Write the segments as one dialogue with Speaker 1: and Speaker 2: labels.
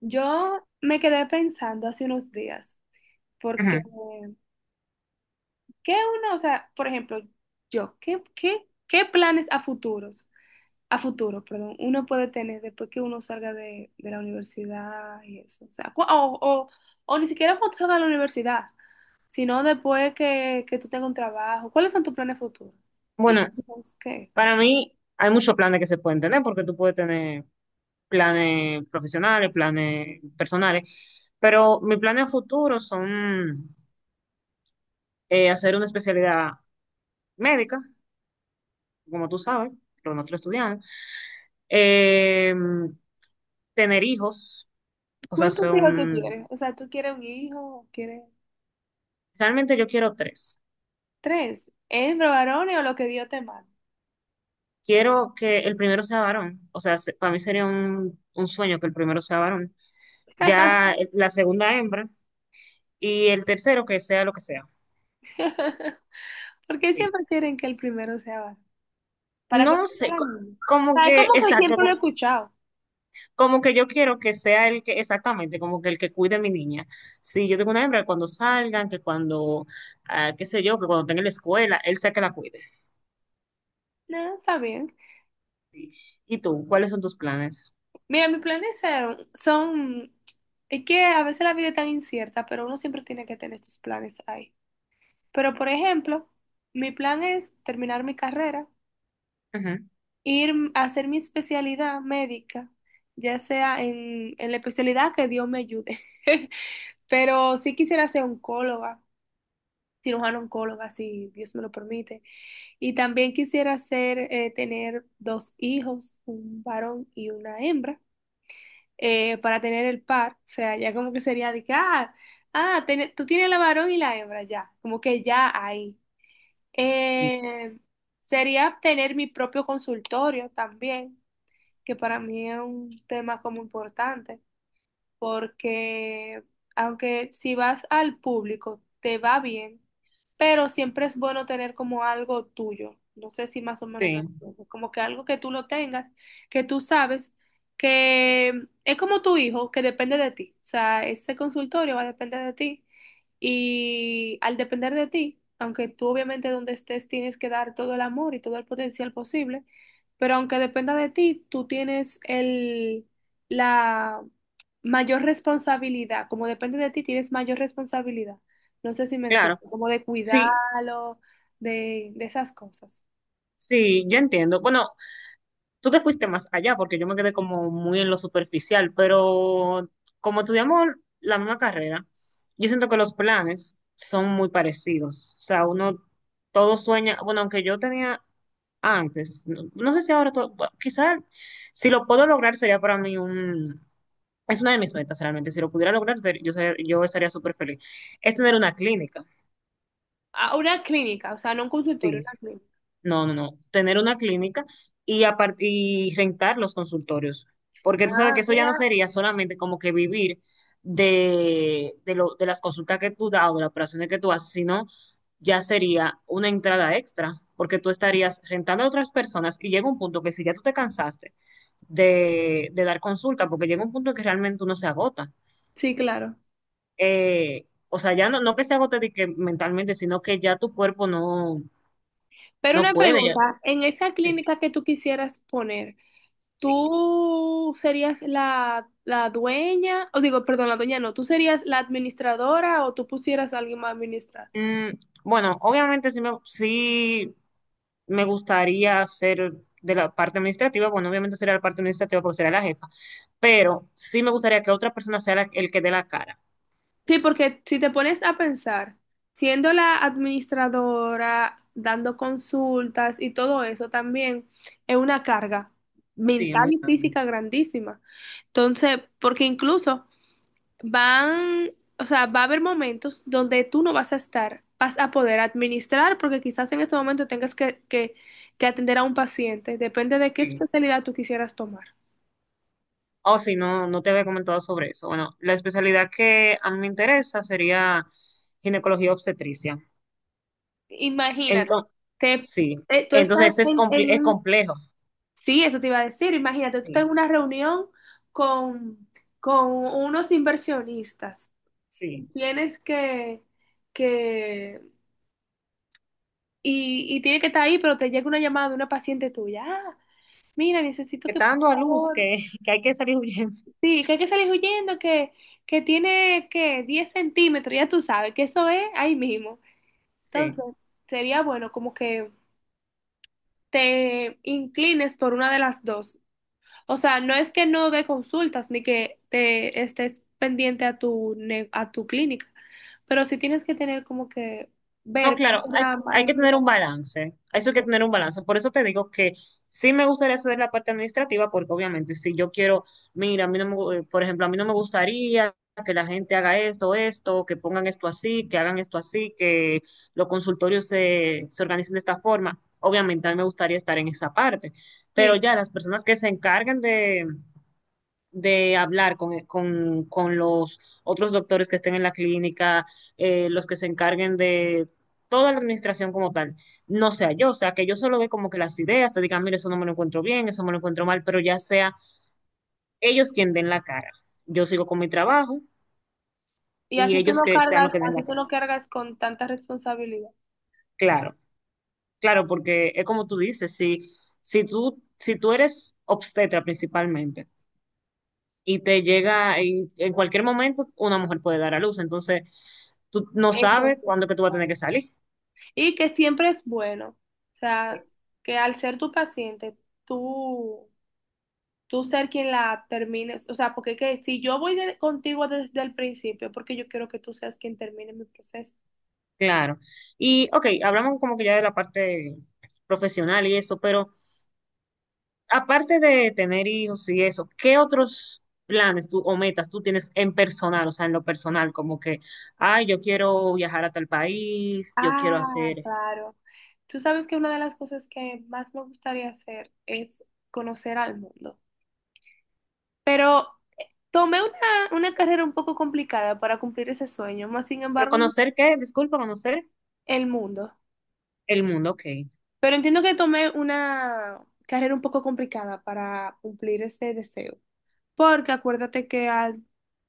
Speaker 1: Yo me quedé pensando hace unos días, porque
Speaker 2: Ujú.
Speaker 1: ¿qué uno, o sea, por ejemplo, yo, ¿qué planes a futuros, a futuro, perdón, uno puede tener después que uno salga de la universidad y eso? O sea, o ni siquiera cuando salga de la universidad, sino después que tú tengas un trabajo. ¿Cuáles son tus planes futuros?
Speaker 2: Bueno,
Speaker 1: ¿Hijos? ¿Qué?
Speaker 2: para mí hay muchos planes que se pueden tener, porque tú puedes tener planes profesionales, planes personales, pero mis planes a futuro son hacer una especialidad médica, como tú sabes, pero nosotros estudiamos, eh, tener hijos, o sea,
Speaker 1: ¿Cuántos hijos tú
Speaker 2: son,
Speaker 1: quieres? O sea, ¿tú quieres un hijo? ¿Quieres
Speaker 2: realmente yo quiero tres.
Speaker 1: tres? ¿Hembra, varones o lo que Dios te mande?
Speaker 2: Quiero que el primero sea varón, o sea, para mí sería un sueño que el primero sea varón, ya la segunda hembra y el tercero que sea lo que sea.
Speaker 1: Porque
Speaker 2: Sí.
Speaker 1: siempre quieren que el primero sea varón. Para
Speaker 2: No
Speaker 1: que
Speaker 2: sé,
Speaker 1: sea la niña.
Speaker 2: como
Speaker 1: ¿Sabes
Speaker 2: que,
Speaker 1: cómo que
Speaker 2: exacto,
Speaker 1: siempre lo he escuchado?
Speaker 2: como que yo quiero que sea el que, exactamente, como que el que cuide a mi niña. Si yo tengo una hembra, cuando salgan, que cuando, ah, qué sé yo, que cuando tenga la escuela, él sea que la cuide.
Speaker 1: No, está bien.
Speaker 2: Sí. ¿Y tú, cuáles son tus planes?
Speaker 1: Mira, mis planes son, son... Es que a veces la vida es tan incierta, pero uno siempre tiene que tener sus planes ahí. Pero, por ejemplo, mi plan es terminar mi carrera,
Speaker 2: Ujú.
Speaker 1: ir a hacer mi especialidad médica, ya sea en la especialidad que Dios me ayude. Pero sí quisiera ser oncóloga, cirujano oncóloga, si Dios me lo permite. Y también quisiera hacer, tener dos hijos, un varón y una hembra, para tener el par. O sea, ya como que sería de que, tú tienes la varón y la hembra ya, como que ya ahí.
Speaker 2: Sí,
Speaker 1: Eh, sería tener mi propio consultorio también, que para mí es un tema como importante porque aunque si vas al público te va bien, pero siempre es bueno tener como algo tuyo. No sé si más o menos me
Speaker 2: sí,
Speaker 1: entiendes, como que algo que tú lo tengas, que tú sabes que es como tu hijo, que depende de ti. O sea, ese consultorio va a depender de ti y al depender de ti, aunque tú obviamente donde estés tienes que dar todo el amor y todo el potencial posible, pero aunque dependa de ti, tú tienes el la mayor responsabilidad, como depende de ti, tienes mayor responsabilidad. No sé si me
Speaker 2: claro,
Speaker 1: entiendes, como de
Speaker 2: sí,
Speaker 1: cuidarlo, de esas cosas.
Speaker 2: sí, yo entiendo. Bueno, tú te fuiste más allá porque yo me quedé como muy en lo superficial, pero como estudiamos la misma carrera, yo siento que los planes son muy parecidos. O sea, uno todo sueña, bueno, aunque yo tenía antes, no, no sé si ahora, todo, quizás si lo puedo lograr sería para mí un, es una de mis metas realmente, si lo pudiera lograr yo estaría súper feliz, es tener una clínica.
Speaker 1: A una clínica, o sea, no un consultorio,
Speaker 2: Sí,
Speaker 1: una clínica.
Speaker 2: no, no, no. Tener una clínica y, y rentar los consultorios. Porque tú sabes
Speaker 1: Ah,
Speaker 2: que eso ya no
Speaker 1: mira.
Speaker 2: sería solamente como que vivir de las consultas que tú das o de las operaciones que tú haces, sino ya sería una entrada extra. Porque tú estarías rentando a otras personas y llega un punto que si ya tú te cansaste de dar consulta, porque llega un punto que realmente uno se agota.
Speaker 1: Sí, claro.
Speaker 2: O sea, ya no, no que se agote de que mentalmente, sino que ya tu cuerpo no,
Speaker 1: Pero
Speaker 2: no
Speaker 1: una
Speaker 2: puede. Ya,
Speaker 1: pregunta, en esa
Speaker 2: sí.
Speaker 1: clínica que tú quisieras poner,
Speaker 2: Sí.
Speaker 1: ¿tú serías la dueña? O digo, perdón, la dueña no, ¿tú serías la administradora o tú pusieras a alguien más a administrar?
Speaker 2: Mm, bueno, obviamente sí me gustaría ser de la parte administrativa, bueno, obviamente sería la parte administrativa porque sería la jefa, pero sí me gustaría que otra persona sea el que dé la cara.
Speaker 1: Sí, porque si te pones a pensar, siendo la administradora, dando consultas y todo eso también es una carga
Speaker 2: Sí,
Speaker 1: mental
Speaker 2: muy
Speaker 1: y
Speaker 2: grande.
Speaker 1: física grandísima. Entonces, porque incluso van, o sea, va a haber momentos donde tú no vas a estar, vas a poder administrar porque quizás en este momento que atender a un paciente, depende de qué
Speaker 2: Sí.
Speaker 1: especialidad tú quisieras tomar.
Speaker 2: Oh, sí, no, no te había comentado sobre eso. Bueno, la especialidad que a mí me interesa sería ginecología obstetricia.
Speaker 1: Imagínate,
Speaker 2: Entonces,
Speaker 1: te,
Speaker 2: sí,
Speaker 1: tú estás
Speaker 2: entonces es,
Speaker 1: en, en
Speaker 2: es
Speaker 1: un...
Speaker 2: complejo.
Speaker 1: Sí, eso te iba a decir. Imagínate, tú estás
Speaker 2: Sí,
Speaker 1: en una reunión con, con unos inversionistas
Speaker 2: sí.
Speaker 1: y tienes que y tiene que estar ahí, pero te llega una llamada de una paciente tuya. Ah, mira, necesito
Speaker 2: Que
Speaker 1: que,
Speaker 2: está
Speaker 1: por
Speaker 2: dando a luz, que,
Speaker 1: favor,
Speaker 2: que hay que salir huyendo.
Speaker 1: sí, que hay que salir huyendo, que tiene que 10 centímetros, ya tú sabes que eso es ahí mismo. Entonces,
Speaker 2: Sí.
Speaker 1: sería bueno como que te inclines por una de las dos. O sea, no es que no dé consultas ni que te estés pendiente a tu, a tu clínica, pero sí tienes que tener como que
Speaker 2: No,
Speaker 1: ver cuál
Speaker 2: claro, hay,
Speaker 1: sea mal...
Speaker 2: hay que tener un balance. Eso hay que tener un balance. Por eso te digo que sí me gustaría hacer la parte administrativa, porque obviamente si yo quiero, mira, a mí no me, gu- por ejemplo, a mí no me gustaría que la gente haga esto, esto, que pongan esto así, que hagan esto así, que los consultorios se organicen de esta forma. Obviamente a mí me gustaría estar en esa parte, pero
Speaker 1: Sí,
Speaker 2: ya las personas que se encarguen de hablar con los otros doctores que estén en la clínica, los que se encarguen de toda la administración como tal, no sea yo, o sea, que yo solo dé como que las ideas, te digan, mire, eso no me lo encuentro bien, eso me lo encuentro mal, pero ya sea ellos quien den la cara. Yo sigo con mi trabajo
Speaker 1: y
Speaker 2: y
Speaker 1: así tú
Speaker 2: ellos
Speaker 1: lo
Speaker 2: que sean
Speaker 1: cargas,
Speaker 2: los que den la
Speaker 1: así tú
Speaker 2: cara.
Speaker 1: lo cargas con tanta responsabilidad.
Speaker 2: Claro, claro, porque es como tú dices, si, si tú eres obstetra principalmente y te llega, y en cualquier momento una mujer puede dar a luz, entonces tú no
Speaker 1: Eso
Speaker 2: sabes
Speaker 1: sí.
Speaker 2: cuándo es que tú vas a tener
Speaker 1: Vale.
Speaker 2: que salir.
Speaker 1: Y que siempre es bueno, o
Speaker 2: Sí.
Speaker 1: sea, que al ser tu paciente, tú, tú ser quien la termines, o sea, porque que si yo contigo desde el principio, porque yo quiero que tú seas quien termine mi proceso.
Speaker 2: Claro. Y, ok, hablamos como que ya de la parte profesional y eso, pero aparte de tener hijos y eso, ¿qué otros planes tú, o metas tú tienes en personal, o sea, en lo personal, como que, ay, yo quiero viajar a tal país, yo quiero
Speaker 1: Ah,
Speaker 2: hacer,
Speaker 1: claro. Tú sabes que una de las cosas que más me gustaría hacer es conocer al mundo. Pero eh, tomé una carrera un poco complicada para cumplir ese sueño, más sin
Speaker 2: pero
Speaker 1: embargo,
Speaker 2: conocer qué, disculpa, conocer
Speaker 1: el mundo.
Speaker 2: el mundo, ok.
Speaker 1: Pero entiendo que tomé una carrera un poco complicada para cumplir ese deseo. Porque acuérdate que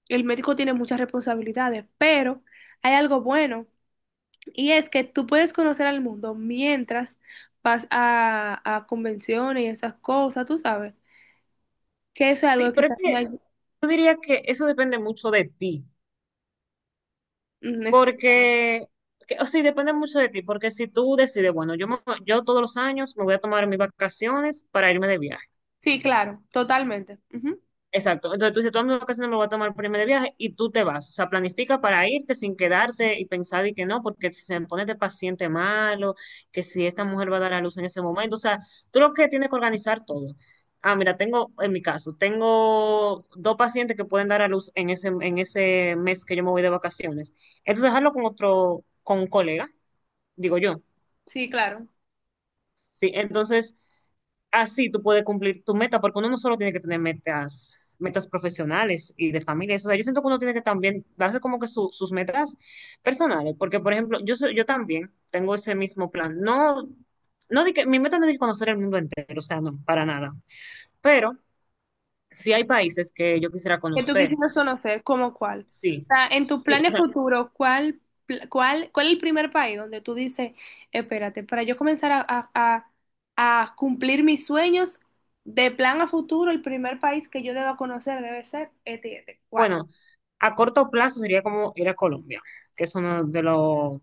Speaker 1: el médico tiene muchas responsabilidades, pero hay algo bueno. Y es que tú puedes conocer al mundo mientras vas a convenciones y esas cosas, tú sabes, que eso es
Speaker 2: Sí,
Speaker 1: algo que
Speaker 2: pero es que yo diría que eso depende mucho de ti.
Speaker 1: mm,
Speaker 2: Porque,
Speaker 1: explícame.
Speaker 2: o sí depende mucho de ti, porque si tú decides, bueno, yo todos los años me voy a tomar mis vacaciones para irme de viaje.
Speaker 1: Sí, claro, totalmente. Ujú.
Speaker 2: Exacto. Entonces tú dices, todas mis vacaciones me voy a tomar para irme de viaje y tú te vas. O sea, planifica para irte sin quedarte y pensar y que no, porque si se me pone este paciente malo, que si esta mujer va a dar a luz en ese momento. O sea, tú lo que tienes que organizar todo. Ah, mira, tengo, en mi caso, tengo dos pacientes que pueden dar a luz en ese mes que yo me voy de vacaciones. Entonces, dejarlo con otro, con un colega digo yo.
Speaker 1: Sí, claro.
Speaker 2: Sí, entonces así tú puedes cumplir tu meta, porque uno no solo tiene que tener metas, metas profesionales y de familia. O sea, yo siento que uno tiene que también darse como que sus metas personales, porque por ejemplo, yo también tengo ese mismo plan. No, no de que mi meta no es de conocer el mundo entero, o sea, no, para nada. Pero sí hay países que yo quisiera
Speaker 1: Que tú
Speaker 2: conocer.
Speaker 1: quisieras conocer, ¿cómo cuál? O
Speaker 2: Sí.
Speaker 1: sea, en tus
Speaker 2: Sí, o
Speaker 1: planes
Speaker 2: sea,
Speaker 1: futuros, ¿ cuál es el primer país donde tú dices, espérate, para yo comenzar a cumplir mis sueños de plan a futuro, el primer país que yo deba conocer debe ser este, ¿y este? ¿Cuál?
Speaker 2: bueno, a corto plazo sería como ir a Colombia, que es uno de los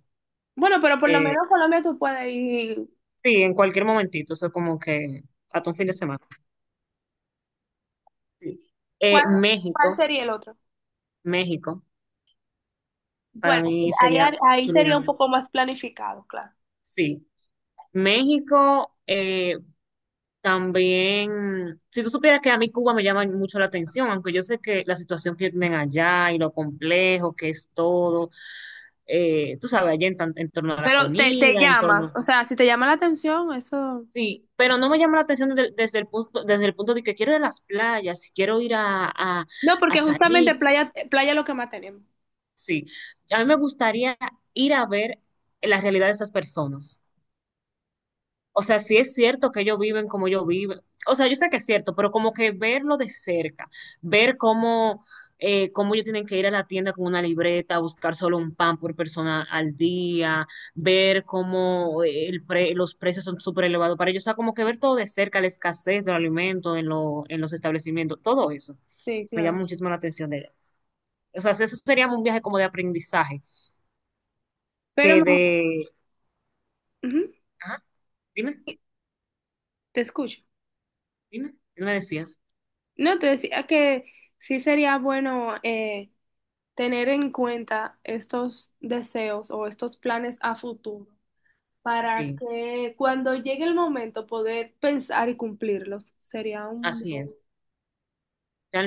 Speaker 1: Bueno, pero por lo
Speaker 2: eh,
Speaker 1: menos Colombia tú puedes ir.
Speaker 2: sí, en cualquier momentito, eso como que hasta un fin de semana. Sí.
Speaker 1: ¿Cuál, cuál
Speaker 2: México,
Speaker 1: sería el otro?
Speaker 2: México, para
Speaker 1: Bueno, sí,
Speaker 2: mí
Speaker 1: ahí,
Speaker 2: sería
Speaker 1: ahí
Speaker 2: chulo ir
Speaker 1: sería
Speaker 2: a
Speaker 1: un
Speaker 2: México.
Speaker 1: poco más planificado, claro.
Speaker 2: Sí, México también, si tú supieras que a mí Cuba me llama mucho la atención, aunque yo sé que la situación que tienen allá y lo complejo que es todo, tú sabes, allá en, en torno a la
Speaker 1: Pero te
Speaker 2: comida, en
Speaker 1: llama,
Speaker 2: torno...
Speaker 1: o sea, si te llama la atención, eso...
Speaker 2: Sí, pero no me llama la atención desde, desde el punto de que quiero ir a las playas, quiero ir
Speaker 1: No,
Speaker 2: a
Speaker 1: porque justamente
Speaker 2: salir.
Speaker 1: playa, playa es lo que más tenemos.
Speaker 2: Sí, a mí me gustaría ir a ver la realidad de esas personas. O sea, si es cierto que ellos viven como yo viven, o sea, yo sé que es cierto, pero como que verlo de cerca, ver cómo, cómo ellos tienen que ir a la tienda con una libreta, buscar solo un pan por persona al día, ver cómo los precios son súper elevados para ellos, o sea, como que ver todo de cerca, la escasez del alimento en, en los establecimientos, todo eso
Speaker 1: Sí,
Speaker 2: me
Speaker 1: claro.
Speaker 2: llama muchísimo la atención de ella. O sea, ese sería un viaje como de aprendizaje
Speaker 1: Pero
Speaker 2: que
Speaker 1: me-
Speaker 2: de...
Speaker 1: ujú,
Speaker 2: Ajá, dime,
Speaker 1: te escucho.
Speaker 2: dime, ¿qué me decías?
Speaker 1: No, te decía que sí sería bueno, tener en cuenta estos deseos o estos planes a futuro, para
Speaker 2: Sí,
Speaker 1: que cuando llegue el momento poder pensar y cumplirlos. Sería un
Speaker 2: así
Speaker 1: buen
Speaker 2: es.